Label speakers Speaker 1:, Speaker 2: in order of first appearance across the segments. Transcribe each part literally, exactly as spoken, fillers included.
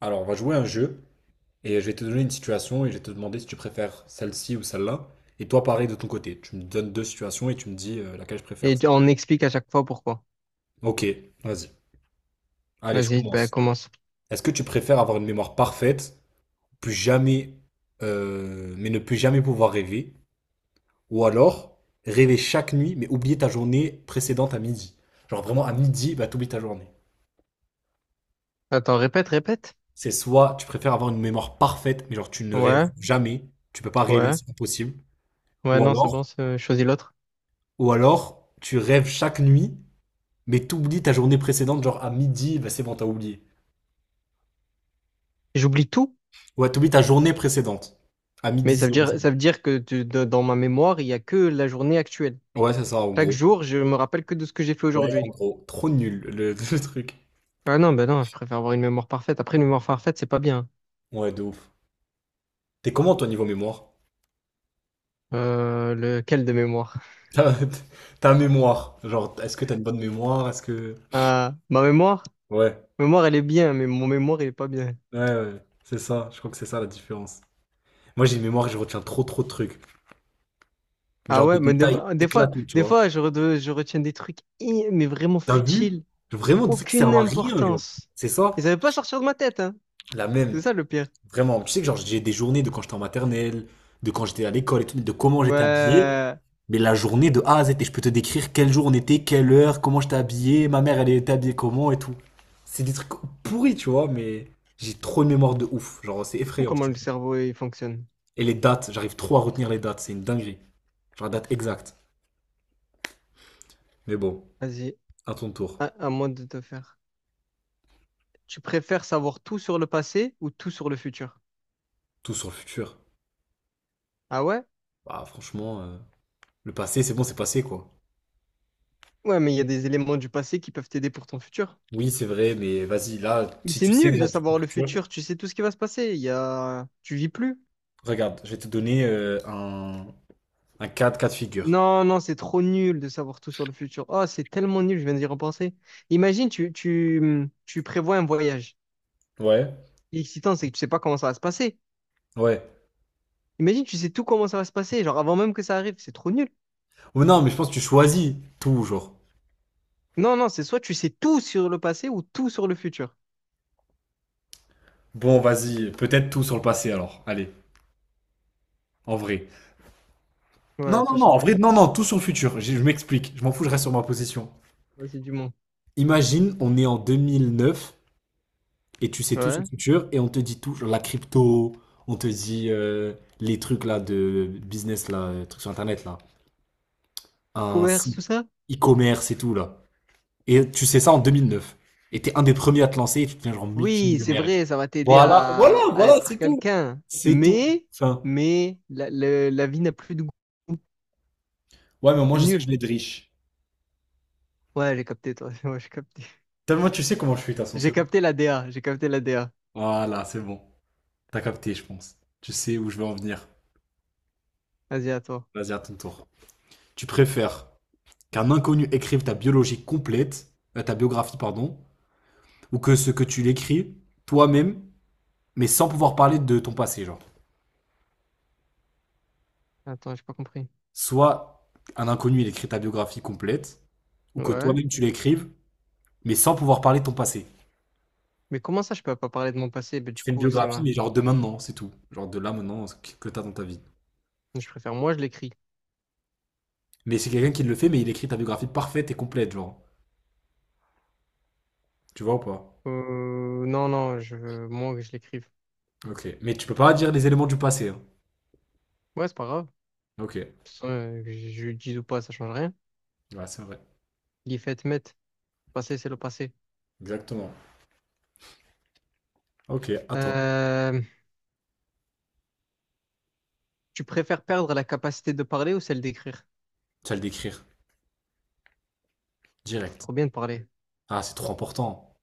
Speaker 1: Alors, on va jouer à un jeu et je vais te donner une situation et je vais te demander si tu préfères celle-ci ou celle-là. Et toi, pareil de ton côté. Tu me donnes deux situations et tu me dis euh, laquelle je préfère.
Speaker 2: Et on explique à chaque fois pourquoi.
Speaker 1: Ok, vas-y. Allez, je
Speaker 2: Vas-y, bah,
Speaker 1: commence.
Speaker 2: commence.
Speaker 1: Est-ce que tu préfères avoir une mémoire parfaite, plus jamais, euh, mais ne plus jamais pouvoir rêver, ou alors rêver chaque nuit, mais oublier ta journée précédente à midi? Genre vraiment à midi, bah t'oublies ta journée.
Speaker 2: Attends, répète, répète.
Speaker 1: C'est soit tu préfères avoir une mémoire parfaite, mais genre tu ne rêves
Speaker 2: Ouais,
Speaker 1: jamais, tu peux pas rêver,
Speaker 2: ouais,
Speaker 1: c'est impossible,
Speaker 2: ouais,
Speaker 1: ou
Speaker 2: non, c'est
Speaker 1: alors
Speaker 2: bon, c'est- euh, choisis l'autre.
Speaker 1: ou alors, tu rêves chaque nuit, mais t'oublies ta journée précédente, genre à midi, bah c'est bon, t'as oublié.
Speaker 2: J'oublie tout,
Speaker 1: Ouais, t'oublies ta journée précédente. À
Speaker 2: mais
Speaker 1: midi
Speaker 2: ça veut dire,
Speaker 1: zéro zéro.
Speaker 2: ça veut dire que tu- de- dans ma mémoire, il y a que la journée actuelle.
Speaker 1: Ouais, c'est ça, en
Speaker 2: Chaque
Speaker 1: gros.
Speaker 2: jour, je me rappelle que de ce que j'ai fait
Speaker 1: Ouais, en
Speaker 2: aujourd'hui.
Speaker 1: gros. Trop nul, le, le truc.
Speaker 2: Ah non, bah non, je préfère avoir une mémoire parfaite. Après, une mémoire parfaite, c'est pas bien.
Speaker 1: Ouais, de ouf. T'es comment, toi, niveau mémoire?
Speaker 2: Euh, lequel de mémoire?
Speaker 1: Ta, ta mémoire. Genre, est-ce que t'as une bonne mémoire? Est-ce que...
Speaker 2: Ah, ma mémoire?
Speaker 1: Ouais.
Speaker 2: Mémoire, elle est bien, mais mon mémoire, il est pas bien.
Speaker 1: Ouais, ouais. C'est ça. Je crois que c'est ça, la différence. Moi, j'ai une mémoire et je retiens trop, trop de trucs.
Speaker 2: Ah
Speaker 1: Genre, des
Speaker 2: ouais, mais des,
Speaker 1: détails
Speaker 2: des fois,
Speaker 1: éclatés, tu
Speaker 2: des
Speaker 1: vois.
Speaker 2: fois, je, re- je retiens des trucs, eh, mais vraiment
Speaker 1: T'as vu?
Speaker 2: futiles.
Speaker 1: Vraiment, des trucs qui
Speaker 2: Aucune
Speaker 1: servent à rien, genre.
Speaker 2: importance.
Speaker 1: C'est ça?
Speaker 2: Ils savaient pas sortir de ma tête, hein.
Speaker 1: La même.
Speaker 2: C'est ça le pire.
Speaker 1: Vraiment, tu sais que genre j'ai des journées de quand j'étais en maternelle, de quand j'étais à l'école et tout, de comment j'étais habillé,
Speaker 2: Ouais.
Speaker 1: mais la journée de A à Z, et je peux te décrire quel jour on était, quelle heure, comment j'étais habillé, ma mère elle était habillée comment et tout. C'est des trucs pourris, tu vois, mais j'ai trop de mémoire de ouf, genre c'est
Speaker 2: C'est fou
Speaker 1: effrayant,
Speaker 2: comment
Speaker 1: je te
Speaker 2: le
Speaker 1: jure.
Speaker 2: cerveau il fonctionne.
Speaker 1: Et les dates, j'arrive trop à retenir les dates, c'est une dinguerie. Genre la date exacte. Mais bon,
Speaker 2: Vas-y,
Speaker 1: à ton tour,
Speaker 2: à, à moi de te faire. Tu préfères savoir tout sur le passé ou tout sur le futur?
Speaker 1: tout sur le futur.
Speaker 2: Ah ouais?
Speaker 1: Bah franchement, euh, le passé, c'est bon, c'est passé quoi.
Speaker 2: Ouais, mais il y a des éléments du passé qui peuvent t'aider pour ton futur.
Speaker 1: Oui, c'est vrai, mais vas-y, là,
Speaker 2: Mais
Speaker 1: si
Speaker 2: c'est
Speaker 1: tu sais
Speaker 2: nul
Speaker 1: déjà
Speaker 2: de
Speaker 1: tout.
Speaker 2: savoir le futur, tu sais tout ce qui va se passer. Il y a... Tu vis plus.
Speaker 1: Regarde, je vais te donner euh, un, un cas de cas de figure.
Speaker 2: Non, non, c'est trop nul de savoir tout sur le futur. Oh, c'est tellement nul, je viens d'y repenser. Imagine, tu, tu, tu prévois un voyage.
Speaker 1: Ouais,
Speaker 2: L'excitant, c'est que tu sais pas comment ça va se passer.
Speaker 1: ouais.
Speaker 2: Imagine, tu sais tout comment ça va se passer, genre avant même que ça arrive, c'est trop nul.
Speaker 1: Ou non, mais je pense que tu choisis tout, genre.
Speaker 2: Non, non, c'est soit tu sais tout sur le passé ou tout sur le futur.
Speaker 1: Bon, vas-y, peut-être tout sur le passé alors. Allez, en vrai.
Speaker 2: Ouais,
Speaker 1: Non, non,
Speaker 2: tout
Speaker 1: non,
Speaker 2: sur le
Speaker 1: en vrai,
Speaker 2: passé.
Speaker 1: non, non, tout sur le futur. Je, je m'explique, je m'en fous, je reste sur ma position.
Speaker 2: Vas-y, du monde.
Speaker 1: Imagine, on est en deux mille neuf et tu sais tout sur le
Speaker 2: Ouais.
Speaker 1: futur et on te dit tout, genre la crypto, on te dit euh, les trucs là de business, là, euh, trucs sur Internet, là. Un
Speaker 2: Commerce,
Speaker 1: site
Speaker 2: tout ça?
Speaker 1: e-commerce et tout, là. Et tu sais ça en deux mille neuf. Et t'es un des premiers à te lancer et tu deviens genre
Speaker 2: Oui, c'est
Speaker 1: multimillionnaire et tout.
Speaker 2: vrai, ça va t'aider
Speaker 1: Voilà.
Speaker 2: à, à être quelqu'un.
Speaker 1: C'est tout.
Speaker 2: Mais,
Speaker 1: Enfin,
Speaker 2: mais, la, le- la vie n'a plus de goût.
Speaker 1: ouais, mais moi
Speaker 2: C'est
Speaker 1: je sais que je
Speaker 2: nul.
Speaker 1: vais être riche.
Speaker 2: Ouais, j'ai capté, toi. Ouais, j'ai capté.
Speaker 1: T'as- Moi tu sais comment je suis, de toute façon, c'est
Speaker 2: J'ai
Speaker 1: bon.
Speaker 2: capté la D A, j'ai capté la D A.
Speaker 1: Voilà, c'est bon. T'as capté, je pense. Tu sais où je veux en venir.
Speaker 2: Vas-y, à toi.
Speaker 1: Vas-y, à ton tour. Tu préfères qu'un inconnu écrive ta biologie complète, euh, ta biographie, pardon, ou que ce que tu l'écris toi-même, mais sans pouvoir parler de ton passé, genre.
Speaker 2: Attends, j'ai pas compris.
Speaker 1: Soit un inconnu, il écrit ta biographie complète, ou que
Speaker 2: Ouais.
Speaker 1: toi-même tu l'écrives, mais sans pouvoir parler de ton passé.
Speaker 2: Mais comment ça, je peux pas parler de mon passé? Bah,
Speaker 1: Tu
Speaker 2: du
Speaker 1: fais une
Speaker 2: coup, c'est
Speaker 1: biographie,
Speaker 2: ma...
Speaker 1: mais genre de maintenant, c'est tout. Genre de là maintenant, ce que que t'as dans ta vie.
Speaker 2: Je préfère, moi, je l'écris.
Speaker 1: Mais c'est quelqu'un qui le fait, mais il écrit ta biographie parfaite et complète, genre. Tu vois ou pas?
Speaker 2: Euh, non, non, je veux moins que je l'écrive.
Speaker 1: Ok. Mais tu peux pas dire les éléments du passé, hein.
Speaker 2: Ouais, c'est pas grave.
Speaker 1: Ok.
Speaker 2: euh, que je je le dise ou pas, ça change rien.
Speaker 1: Ouais, c'est vrai.
Speaker 2: Les faits mettent. Passé, c'est le passé.
Speaker 1: Exactement. Ok, attends.
Speaker 2: Euh, tu préfères perdre la capacité de parler ou celle d'écrire?
Speaker 1: Tu vas le décrire. Direct.
Speaker 2: Trop bien de parler.
Speaker 1: Ah, c'est trop important.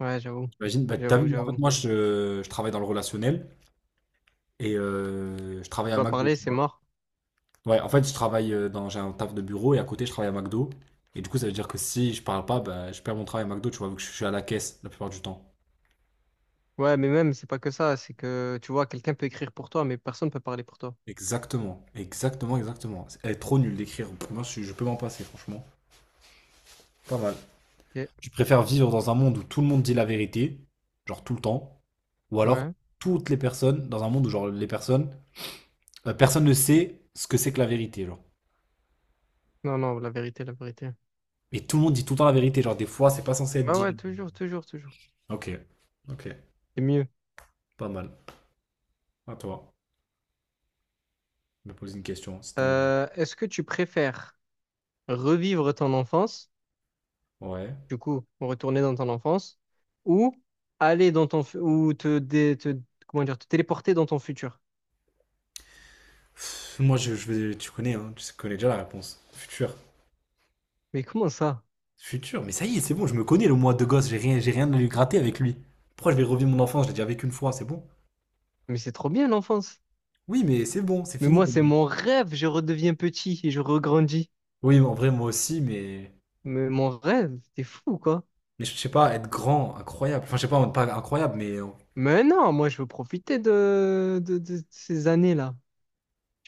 Speaker 2: Ouais, j'avoue.
Speaker 1: Imagine, bah, t'as
Speaker 2: J'avoue,
Speaker 1: vu, en fait,
Speaker 2: j'avoue.
Speaker 1: moi, je, je travaille dans le relationnel et euh, je travaille à
Speaker 2: Pas
Speaker 1: McDo,
Speaker 2: parler,
Speaker 1: tu
Speaker 2: c'est
Speaker 1: vois.
Speaker 2: mort.
Speaker 1: Ouais, en fait, je travaille euh, dans, j'ai un taf de bureau et à côté, je travaille à McDo. Et du coup, ça veut dire que si je parle pas, bah, je perds mon travail à McDo, tu vois, vu que je suis à la caisse la plupart du temps.
Speaker 2: Ouais, mais même, c'est pas que ça. C'est que, tu vois, quelqu'un peut écrire pour toi, mais personne peut parler pour toi.
Speaker 1: Exactement, exactement, exactement. Elle est trop nulle d'écrire. Moi, je, je peux m'en passer, franchement. Pas mal.
Speaker 2: Ok.
Speaker 1: Je préfère vivre dans un monde où tout le monde dit la vérité, genre tout le temps, ou alors
Speaker 2: Ouais.
Speaker 1: toutes les personnes, dans un monde où genre les personnes, la personne ne sait ce que c'est que la vérité, genre.
Speaker 2: Non, non, la vérité, la vérité.
Speaker 1: Et tout le monde dit tout le temps la vérité, genre des fois, c'est pas censé être
Speaker 2: Ouais, ouais,
Speaker 1: dit.
Speaker 2: toujours, toujours, toujours.
Speaker 1: Ok, ok,
Speaker 2: C'est mieux.
Speaker 1: pas mal. À toi, je me pose une question. Si t'en-
Speaker 2: Euh, est-ce que tu préfères revivre ton enfance?
Speaker 1: Ouais.
Speaker 2: Du coup, retourner dans ton enfance, ou aller dans ton, fu- ou te, dé- te- comment dire, te téléporter dans ton futur.
Speaker 1: Pff, moi, je, je vais, tu connais, hein, tu connais déjà la réponse. Futur.
Speaker 2: Mais comment ça?
Speaker 1: Futur, mais ça y est, c'est bon, je me connais le moi de gosse, j'ai rien, j'ai rien à lui gratter avec lui. Pourquoi je vais revivre mon enfance? Je l'ai déjà vécu une fois, c'est bon.
Speaker 2: Mais c'est trop bien l'enfance.
Speaker 1: Oui, mais c'est bon, c'est
Speaker 2: Mais
Speaker 1: fini.
Speaker 2: moi, c'est mon rêve, je redeviens petit et je regrandis.
Speaker 1: Oui, en vrai, moi aussi, mais,
Speaker 2: Mais mon rêve, t'es fou, quoi.
Speaker 1: mais je sais pas, être grand, incroyable. Enfin, je sais pas, pas incroyable, mais euh,
Speaker 2: Mais non, moi, je veux profiter de, de, de ces années-là.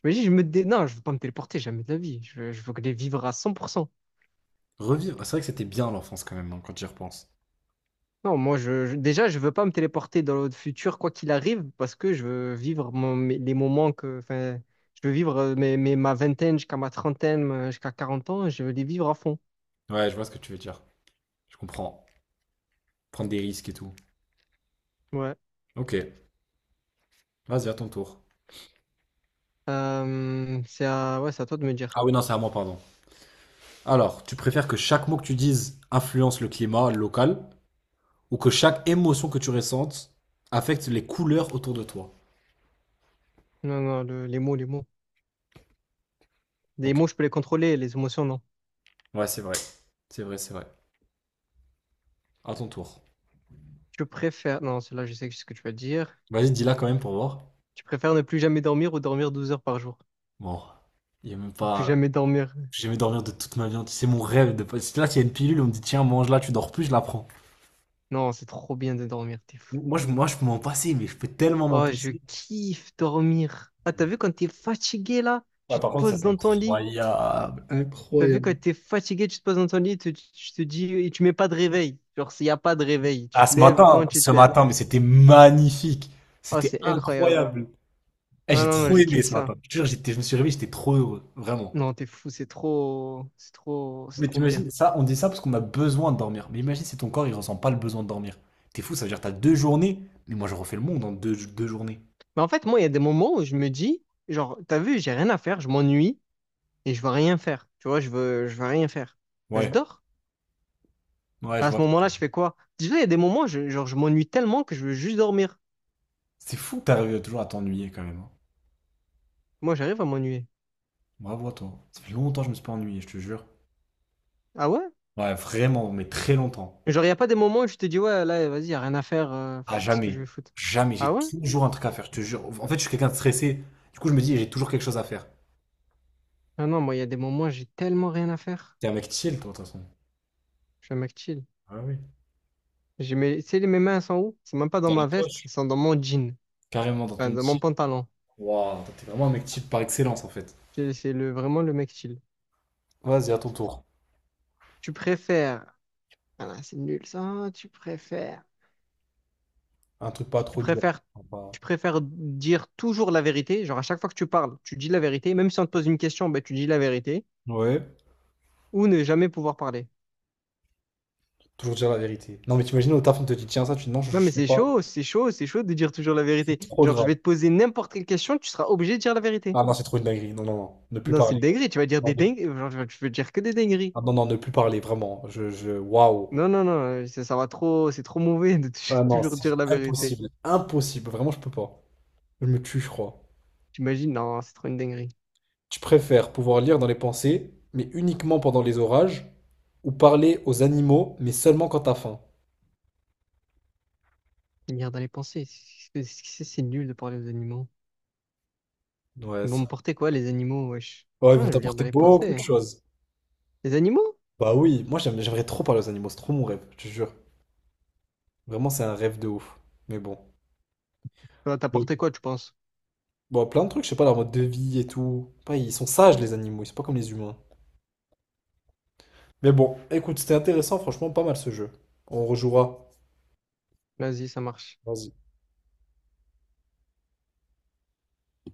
Speaker 2: J'imagine, je me dé... Non, je veux pas me téléporter jamais de la vie. Je veux, je veux les vivre à cent pour cent.
Speaker 1: revivre. C'est vrai que c'était bien l'enfance quand même, hein, quand j'y repense.
Speaker 2: Non, moi, je, je- déjà, je veux pas me téléporter dans le futur, quoi qu'il arrive, parce que je veux vivre mon- mes- les moments que, enfin, je veux vivre euh, mes, mes- ma vingtaine jusqu'à ma trentaine, euh, jusqu'à quarante ans, je veux les vivre à fond.
Speaker 1: Ouais, je vois ce que tu veux dire. Je comprends. Prendre des risques et tout.
Speaker 2: Ouais.
Speaker 1: Ok, vas-y, à ton tour.
Speaker 2: Euh, c'est à, ouais, c'est à toi de me
Speaker 1: Ah
Speaker 2: dire.
Speaker 1: oui, non, c'est à moi, pardon. Alors, tu préfères que chaque mot que tu dises influence le climat local ou que chaque émotion que tu ressentes affecte les couleurs autour de toi?
Speaker 2: Non, non, le- les mots, les mots. Les
Speaker 1: Ok.
Speaker 2: mots, je peux les contrôler, les émotions, non.
Speaker 1: Ouais, c'est vrai. C'est vrai, c'est vrai. À ton tour.
Speaker 2: Tu préfères, non, celle-là, je sais ce que tu vas dire.
Speaker 1: Vas-y, dis-la quand même pour voir.
Speaker 2: Tu préfères ne plus jamais dormir ou dormir douze heures par jour?
Speaker 1: Bon. Il y a même
Speaker 2: Ne plus
Speaker 1: pas.
Speaker 2: jamais dormir.
Speaker 1: J'ai jamais dormir de toute ma vie entière. C'est mon rêve de passer. Là, s'il y a une pilule, on me dit tiens, mange-la, tu dors plus, je la prends.
Speaker 2: Non, c'est trop bien de dormir, t'es fou.
Speaker 1: Moi, je, moi, je peux m'en passer, mais je peux tellement m'en
Speaker 2: Oh, je
Speaker 1: passer.
Speaker 2: kiffe dormir. Ah, t'as vu quand t'es fatigué là,
Speaker 1: Ouais,
Speaker 2: tu te
Speaker 1: par contre, ça,
Speaker 2: poses
Speaker 1: c'est
Speaker 2: dans ton lit.
Speaker 1: incroyable.
Speaker 2: T'as vu quand
Speaker 1: Incroyable.
Speaker 2: t'es fatigué, tu te poses dans ton lit, tu, tu te dis, et tu mets pas de réveil. Genre, s'il y a pas de réveil, tu
Speaker 1: Ah,
Speaker 2: te
Speaker 1: ce
Speaker 2: lèves quand
Speaker 1: matin,
Speaker 2: tu
Speaker 1: ce
Speaker 2: te lèves.
Speaker 1: matin, mais c'était magnifique.
Speaker 2: Oh,
Speaker 1: C'était
Speaker 2: c'est incroyable.
Speaker 1: incroyable. Eh,
Speaker 2: Ah
Speaker 1: j'ai
Speaker 2: non, non,
Speaker 1: trop
Speaker 2: je
Speaker 1: aimé
Speaker 2: kiffe
Speaker 1: ce
Speaker 2: ça.
Speaker 1: matin. Je te jure, j'étais, je me suis réveillé, j'étais trop heureux. Vraiment.
Speaker 2: Non, t'es fou, c'est trop, c'est trop, c'est
Speaker 1: Mais
Speaker 2: trop bien.
Speaker 1: t'imagines, ça, on dit ça parce qu'on a besoin de dormir. Mais imagine si ton corps, il ressent pas le besoin de dormir. T'es fou, ça veut dire que t'as deux journées. Mais moi, je refais le monde en deux, deux journées.
Speaker 2: Mais en fait, moi, il y a des moments où je me dis, genre, t'as vu, j'ai rien à faire, je m'ennuie et je veux rien faire. Tu vois, je veux, je veux rien faire. Ben, je
Speaker 1: Ouais,
Speaker 2: dors.
Speaker 1: ouais, je
Speaker 2: À
Speaker 1: vois.
Speaker 2: ce moment-là, je fais quoi? Déjà, il y a des moments, je- genre, je m'ennuie tellement que je veux juste dormir.
Speaker 1: C'est fou que t'arrives toujours à t'ennuyer quand même, hein.
Speaker 2: Moi, j'arrive à m'ennuyer.
Speaker 1: Bravo à toi. Ça fait longtemps que je me suis pas ennuyé, je te jure.
Speaker 2: Ah ouais?
Speaker 1: Ouais, vraiment, mais très longtemps.
Speaker 2: Genre, il a pas des moments où je te dis, ouais, là, vas-y, y a rien à faire, euh,
Speaker 1: À
Speaker 2: pff, qu'est-ce que
Speaker 1: jamais.
Speaker 2: je vais foutre?
Speaker 1: Jamais.
Speaker 2: Ah
Speaker 1: J'ai
Speaker 2: ouais?
Speaker 1: toujours un truc à faire, je te jure. En fait, je suis quelqu'un de stressé. Du coup, je me dis, j'ai toujours quelque chose à faire.
Speaker 2: Ah non, moi, il y a des moments où j'ai tellement rien à faire.
Speaker 1: T'es un mec chill, toi, de toute façon.
Speaker 2: Je suis un mec chill.
Speaker 1: Ah oui.
Speaker 2: J'ai mes, tu sais, les- mes mains, elles sont où? C'est même pas dans
Speaker 1: T'es à la
Speaker 2: ma veste,
Speaker 1: poche.
Speaker 2: elles sont dans mon jean,
Speaker 1: Carrément dans
Speaker 2: enfin,
Speaker 1: ton
Speaker 2: dans mon
Speaker 1: chill.
Speaker 2: pantalon.
Speaker 1: Waouh, toi, t'es vraiment un mec chill par excellence, en fait.
Speaker 2: C'est c'est le, vraiment le mec chill.
Speaker 1: Vas-y, à ton tour.
Speaker 2: Tu préfères, ah là, c'est nul ça, tu préfères,
Speaker 1: Un truc pas
Speaker 2: tu
Speaker 1: trop dur.
Speaker 2: préfères,
Speaker 1: Enfin, pas-
Speaker 2: tu préfères dire toujours la vérité, genre à chaque fois que tu parles, tu dis la vérité, même si on te pose une question, ben, tu dis la vérité,
Speaker 1: Ouais.
Speaker 2: ou ne jamais pouvoir parler.
Speaker 1: Toujours dire la vérité. Non, mais t'imagines au taf, on te dit, tiens, ça, tu dis non, je,
Speaker 2: Non, mais
Speaker 1: je fais
Speaker 2: c'est
Speaker 1: pas.
Speaker 2: chaud, c'est chaud, c'est chaud de dire toujours la
Speaker 1: C'est
Speaker 2: vérité.
Speaker 1: trop
Speaker 2: Genre, je
Speaker 1: grave.
Speaker 2: vais te poser n'importe quelle question, tu seras obligé de dire la vérité.
Speaker 1: Ah non, c'est trop une dinguerie. Non, non, non. Ne plus
Speaker 2: Non, c'est une
Speaker 1: parler.
Speaker 2: dinguerie, tu vas dire
Speaker 1: Non,
Speaker 2: des
Speaker 1: ne-
Speaker 2: dingueries, genre, tu vas tu vas dire que des dingueries.
Speaker 1: Ah non, non, ne plus parler, vraiment. Je, je... Waouh.
Speaker 2: Non, non, non, euh, ça, ça va trop, c'est trop mauvais de tou-
Speaker 1: Ah non,
Speaker 2: toujours
Speaker 1: c'est
Speaker 2: dire la vérité.
Speaker 1: impossible. Impossible. Vraiment, je peux pas. Je me tue, je crois.
Speaker 2: T'imagines, non, c'est trop une dinguerie.
Speaker 1: Tu préfères pouvoir lire dans les pensées, mais uniquement pendant les orages, ou parler aux animaux, mais seulement quand t'as faim.
Speaker 2: Une Merde à les penser, c'est c'est- c'est nul de parler aux animaux.
Speaker 1: Ouais,
Speaker 2: Ils vont
Speaker 1: c'est-
Speaker 2: me porter quoi, les animaux, wesh?
Speaker 1: ouais, ils vont
Speaker 2: Ouais, je viens
Speaker 1: t'apporter
Speaker 2: d'aller
Speaker 1: beaucoup de
Speaker 2: penser.
Speaker 1: choses.
Speaker 2: Les animaux?
Speaker 1: Bah oui, moi j'aime- j'aimerais trop parler aux animaux, c'est trop mon rêve, je te jure. Vraiment, c'est un rêve de ouf. Mais bon.
Speaker 2: Ça va
Speaker 1: Oui.
Speaker 2: t'apporter quoi, tu penses?
Speaker 1: Bon, plein de trucs, je sais pas, leur mode de vie et tout. Pas, ils sont sages, les animaux, ils sont pas comme les humains. Mais bon, écoute, c'était intéressant, franchement, pas mal ce jeu. On rejouera.
Speaker 2: Vas-y, ça marche.
Speaker 1: Vas-y.